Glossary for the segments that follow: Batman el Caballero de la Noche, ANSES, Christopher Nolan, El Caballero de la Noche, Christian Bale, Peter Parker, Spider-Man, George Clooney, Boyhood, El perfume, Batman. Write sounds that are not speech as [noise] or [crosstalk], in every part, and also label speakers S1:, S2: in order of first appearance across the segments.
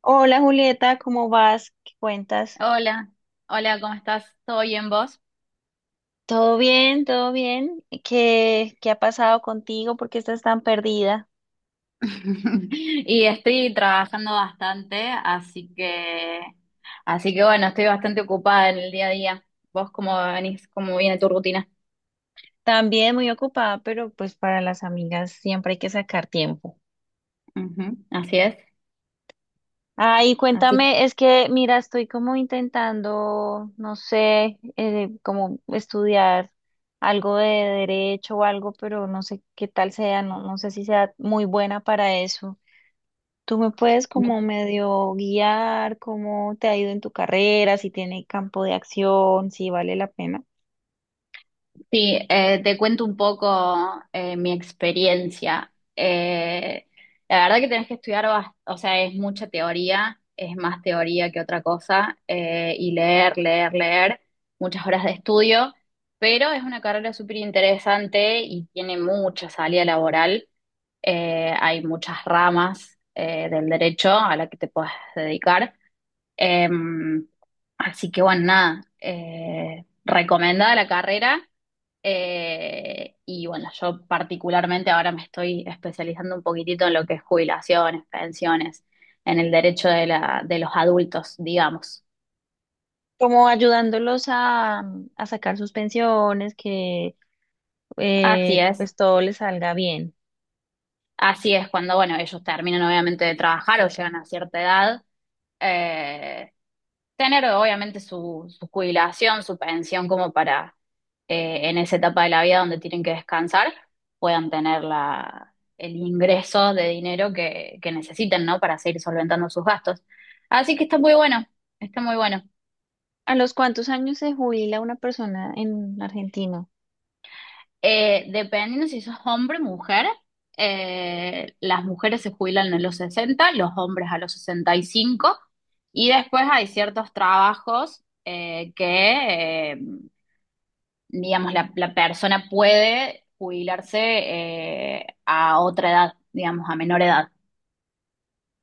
S1: Hola Julieta, ¿cómo vas? ¿Qué cuentas?
S2: Hola, hola, ¿cómo estás? ¿Todo bien vos?
S1: ¿Todo bien? ¿Todo bien? ¿Qué ha pasado contigo? ¿Por qué estás tan perdida?
S2: [laughs] Y estoy trabajando bastante, así que bueno, estoy bastante ocupada en el día a día. ¿Vos cómo venís? ¿Cómo viene tu rutina?
S1: También muy ocupada, pero pues para las amigas siempre hay que sacar tiempo.
S2: Ujú, así es,
S1: Ay,
S2: así.
S1: cuéntame, es que mira, estoy como intentando, no sé, como estudiar algo de derecho o algo, pero no sé qué tal sea, no, no sé si sea muy buena para eso. Tú me puedes como medio guiar cómo te ha ido en tu carrera, si tiene campo de acción, si vale la pena.
S2: Sí, te cuento un poco mi experiencia. La verdad que tenés que estudiar, o sea, es mucha teoría, es más teoría que otra cosa, y leer, leer, leer, muchas horas de estudio, pero es una carrera súper interesante y tiene mucha salida laboral. Hay muchas ramas del derecho a la que te puedes dedicar. Em, Así que bueno, nada, recomendada la carrera. Y bueno, yo particularmente ahora me estoy especializando un poquitito en lo que es jubilaciones, pensiones, en el derecho de los adultos, digamos.
S1: Como ayudándolos a sacar sus pensiones, que
S2: Así es,
S1: pues todo les salga bien.
S2: así es cuando, bueno, ellos terminan obviamente de trabajar o llegan a cierta edad, eh, tener obviamente su jubilación, su pensión como para, en esa etapa de la vida donde tienen que descansar, puedan tener la, el ingreso de dinero que necesiten, ¿no? Para seguir solventando sus gastos. Así que está muy bueno, está muy bueno.
S1: ¿A los cuántos años se jubila una persona en Argentina?
S2: Dependiendo si sos hombre o mujer, las mujeres se jubilan a los 60, los hombres a los 65, y cinco, y después hay ciertos trabajos digamos, la persona puede jubilarse, a otra edad, digamos, a menor edad.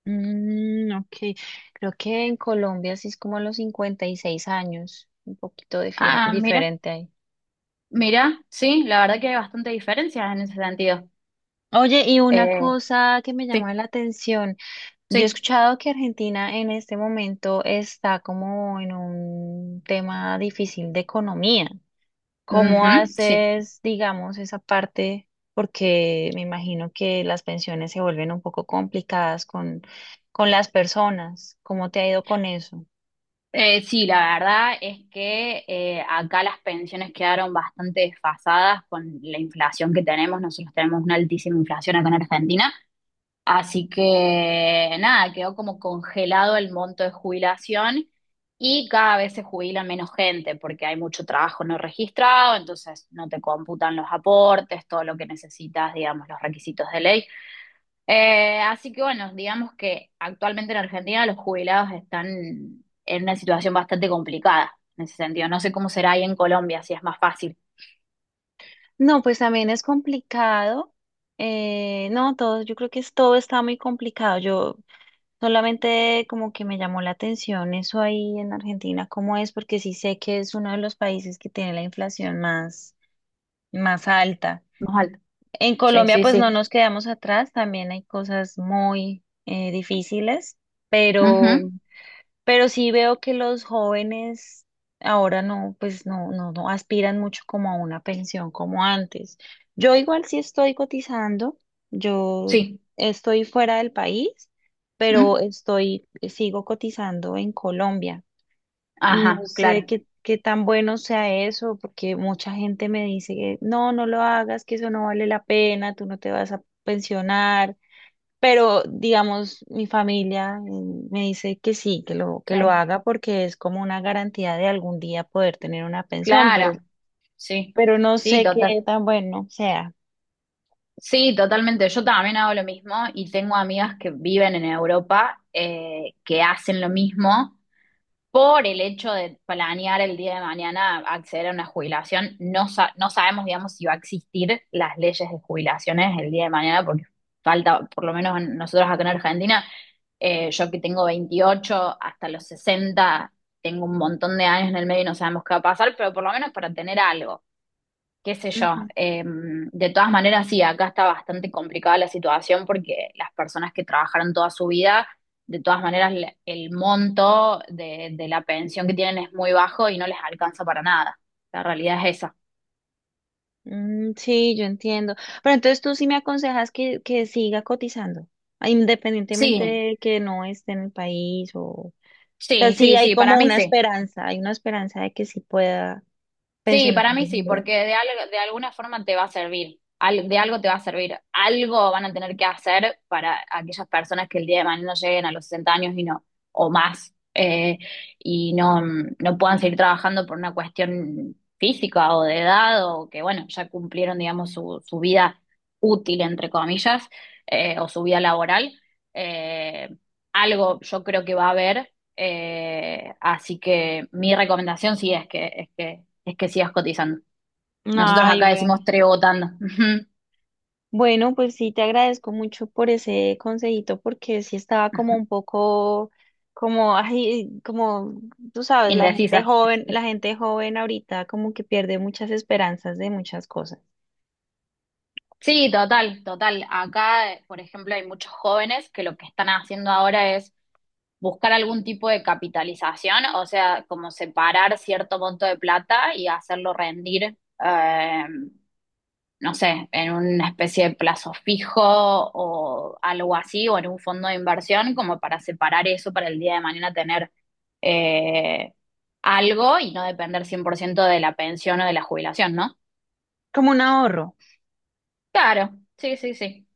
S1: Mm, ok, creo que en Colombia sí es como a los 56 años, un poquito
S2: Ah, mira,
S1: diferente ahí.
S2: mira, sí, la verdad que hay bastante diferencias en ese sentido.
S1: Oye, y una
S2: Eh,
S1: cosa que me
S2: sí,
S1: llama la atención. Yo he
S2: sí,
S1: escuchado que Argentina en este momento está como en un tema difícil de economía. ¿Cómo
S2: ujú, sí.
S1: haces, digamos, esa parte? Porque me imagino que las pensiones se vuelven un poco complicadas con las personas. ¿Cómo te ha ido con eso?
S2: Sí, la verdad es que, acá las pensiones quedaron bastante desfasadas con la inflación que tenemos. Nosotros tenemos una altísima inflación acá en Argentina. Así que nada, quedó como congelado el monto de jubilación y cada vez se jubila menos gente porque hay mucho trabajo no registrado, entonces no te computan los aportes, todo lo que necesitas, digamos, los requisitos de ley. Así que bueno, digamos que actualmente en Argentina los jubilados están en una situación bastante complicada en ese sentido. No sé cómo será ahí en Colombia, si es más fácil.
S1: No, pues también es complicado. No, todo, yo creo que es, todo está muy complicado. Yo solamente como que me llamó la atención eso ahí en Argentina, cómo es, porque sí sé que es uno de los países que tiene la inflación más, más alta.
S2: Más alto.
S1: En
S2: Sí,
S1: Colombia
S2: sí,
S1: pues no
S2: sí.
S1: nos quedamos atrás, también hay cosas muy difíciles,
S2: Ujú,
S1: pero pero sí veo que los jóvenes ahora no, pues no, no, no aspiran mucho como a una pensión como antes. Yo igual sí estoy cotizando, yo
S2: sí.
S1: estoy fuera del país, pero
S2: Mm.
S1: estoy, sigo cotizando en Colombia. No
S2: Ajá,
S1: sé
S2: claro.
S1: qué, qué tan bueno sea eso, porque mucha gente me dice que no, no lo hagas, que eso no vale la pena, tú no te vas a pensionar. Pero, digamos, mi familia me dice que sí, que lo
S2: Sí.
S1: haga porque es como una garantía de algún día poder tener una pensión,
S2: Claro, sí,
S1: pero no
S2: sí,
S1: sé qué
S2: total,
S1: tan bueno sea.
S2: sí, totalmente. Yo también hago lo mismo y tengo amigas que viven en Europa, que hacen lo mismo por el hecho de planear el día de mañana acceder a una jubilación. No, no sabemos, digamos, si va a existir las leyes de jubilaciones el día de mañana porque falta, por lo menos nosotros acá en Argentina. Yo que tengo 28 hasta los 60, tengo un montón de años en el medio y no sabemos qué va a pasar, pero por lo menos para tener algo. Qué sé yo.
S1: Ujú.
S2: De todas maneras, sí, acá está bastante complicada la situación porque las personas que trabajaron toda su vida, de todas maneras, el monto de la pensión que tienen es muy bajo y no les alcanza para nada. La realidad es esa.
S1: Mm, sí, yo entiendo. Pero entonces tú sí me aconsejas que siga cotizando, ah, independientemente
S2: Sí,
S1: de que no esté en el país o... O sea,
S2: sí,
S1: sí
S2: sí,
S1: hay
S2: sí, para
S1: como
S2: mí
S1: una
S2: sí.
S1: esperanza, hay una esperanza de que sí pueda
S2: Sí,
S1: pensionarme
S2: para mí sí,
S1: algún día.
S2: porque de, algo, de alguna forma te va a servir, de algo te va a servir, algo van a tener que hacer para aquellas personas que el día de mañana lleguen a los 60 años y no, o más, y no, no puedan seguir trabajando por una cuestión física o de edad, o que bueno, ya cumplieron, digamos, su vida útil, entre comillas, o su vida laboral. Eh, Algo yo creo que va a haber, así que mi recomendación sí es que sigas cotizando. Nosotros
S1: Ay,
S2: acá
S1: bueno.
S2: decimos trebotando. [laughs]
S1: Bueno, pues sí, te agradezco mucho por ese consejito, porque sí estaba como un poco, como, ay, como tú sabes,
S2: Indecisa.
S1: la gente joven ahorita como que pierde muchas esperanzas de muchas cosas,
S2: Sí, total, total. Acá, por ejemplo, hay muchos jóvenes que lo que están haciendo ahora es buscar algún tipo de capitalización, o sea, como separar cierto monto de plata y hacerlo rendir, eh, no sé, en una especie de plazo fijo o algo así, o en un fondo de inversión, como para separar eso para el día de mañana tener, eh, algo y no depender 100% de la pensión o de la jubilación, ¿no?
S1: como un ahorro.
S2: Claro, sí, sí, sí,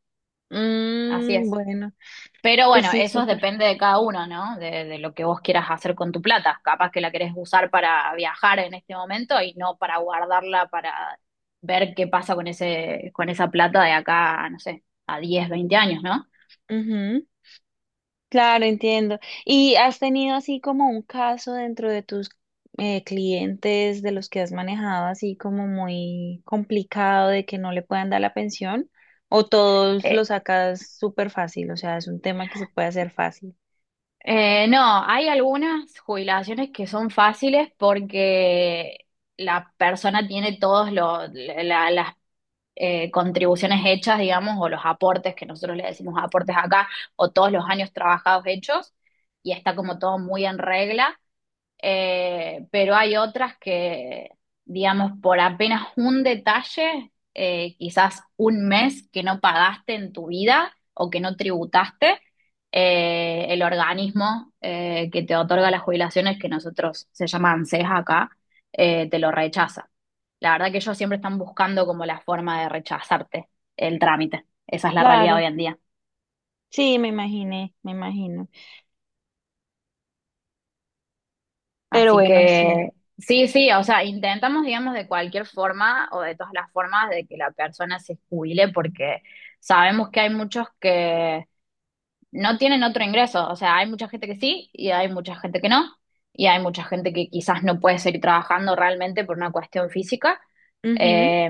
S2: así
S1: Mm,
S2: es.
S1: bueno,
S2: Pero
S1: pues
S2: bueno,
S1: sí,
S2: eso
S1: súper.
S2: depende de cada uno, ¿no? De lo que vos quieras hacer con tu plata. Capaz que la querés usar para viajar en este momento y no para guardarla para ver qué pasa con ese, con esa plata de acá, no sé, a 10 20 años, ¿no?
S1: Claro, entiendo. ¿Y has tenido así como un caso dentro de tus clientes de los que has manejado así como muy complicado de que no le puedan dar la pensión? ¿O todos lo
S2: Eh,
S1: sacas súper fácil? O sea, es un tema que se puede hacer fácil.
S2: no, hay algunas jubilaciones que son fáciles porque la persona tiene todas las, contribuciones hechas, digamos, o los aportes, que nosotros le decimos aportes acá, o todos los años trabajados hechos, y está como todo muy en regla. Pero hay otras que, digamos, por apenas un detalle, quizás un mes que no pagaste en tu vida o que no tributaste, el organismo que te otorga las jubilaciones, que nosotros se llama ANSES acá, te lo rechaza. La verdad que ellos siempre están buscando como la forma de rechazarte el trámite. Esa es la realidad
S1: Claro,
S2: hoy en día.
S1: sí, me imaginé, me imagino. Pero
S2: Así
S1: bueno, sí.
S2: que sí, sí, o sea, intentamos, digamos, de cualquier forma o de todas las formas de que la persona se jubile porque sabemos que hay muchos que no tienen otro ingreso, o sea, hay mucha gente que sí y hay mucha gente que no, y hay mucha gente que quizás no puede seguir trabajando realmente por una cuestión física.
S1: Ujú,
S2: Eh,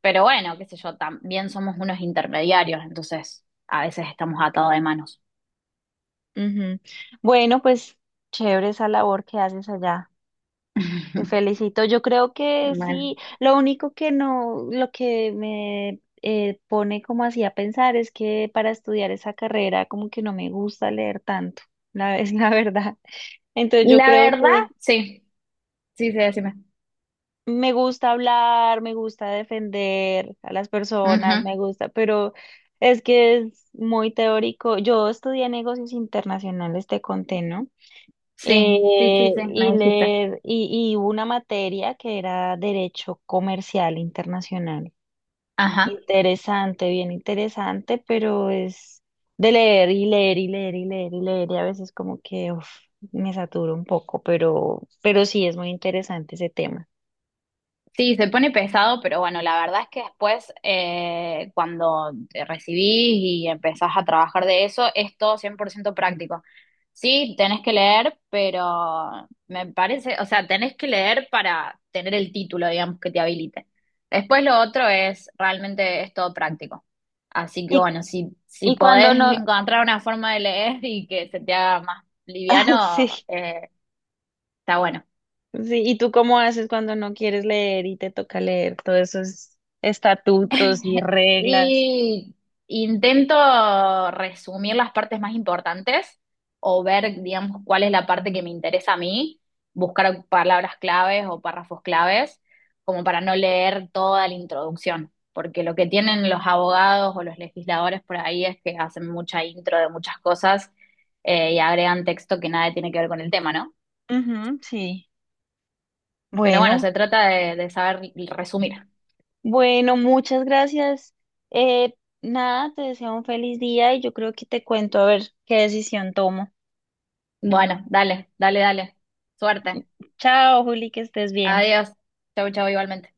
S2: pero bueno, qué sé yo, también somos unos intermediarios, entonces a veces estamos atados de manos.
S1: ujú. Bueno, pues chévere esa labor que haces allá. Te
S2: [laughs]
S1: felicito. Yo creo que
S2: Bueno,
S1: sí. Lo único que no, lo que me pone como así a pensar es que para estudiar esa carrera como que no me gusta leer tanto, la, es [laughs] la verdad. Entonces yo
S2: la
S1: creo
S2: verdad,
S1: que
S2: sí, sí, sí, decime.
S1: me gusta hablar, me gusta defender a las personas, me gusta, pero es que es muy teórico. Yo estudié negocios internacionales, te conté, ¿no?
S2: Sí, sí, sí, sí, me
S1: Y
S2: dijiste.
S1: leer, y una materia que era Derecho Comercial Internacional.
S2: Ajá.
S1: Interesante, bien interesante, pero es de leer y leer y leer y leer y leer, y a veces como que uf, me saturo un poco, pero sí es muy interesante ese tema.
S2: Sí, se pone pesado, pero bueno, la verdad es que después, cuando te recibís y empezás a trabajar de eso, es todo 100% práctico. Sí, tenés que leer, pero me parece, o sea, tenés que leer para tener el título, digamos, que te habilite. Después lo otro es, realmente es todo práctico. Así que
S1: Y,
S2: bueno, si, si
S1: y cuando
S2: podés
S1: no, [laughs]
S2: encontrar una forma de leer y que se te haga más
S1: ah, sí,
S2: liviano,
S1: sí,
S2: está bueno.
S1: ¿y tú cómo haces cuando no quieres leer y te toca leer todos esos estatutos y
S2: [laughs]
S1: reglas?
S2: Y intento resumir las partes más importantes o ver, digamos, cuál es la parte que me interesa a mí, buscar palabras claves o párrafos claves, como para no leer toda la introducción, porque lo que tienen los abogados o los legisladores por ahí es que hacen mucha intro de muchas cosas, y agregan texto que nada tiene que ver con el tema, ¿no?
S1: Ujú, sí.
S2: Pero bueno,
S1: Bueno,
S2: se trata de saber resumir.
S1: bueno, muchas gracias. Eh, nada, te deseo un feliz día y yo creo que te cuento a ver qué decisión tomo.
S2: Bueno, dale, dale, dale. Suerte.
S1: Chao, Juli, que estés bien.
S2: Adiós. Chau, chau, igualmente.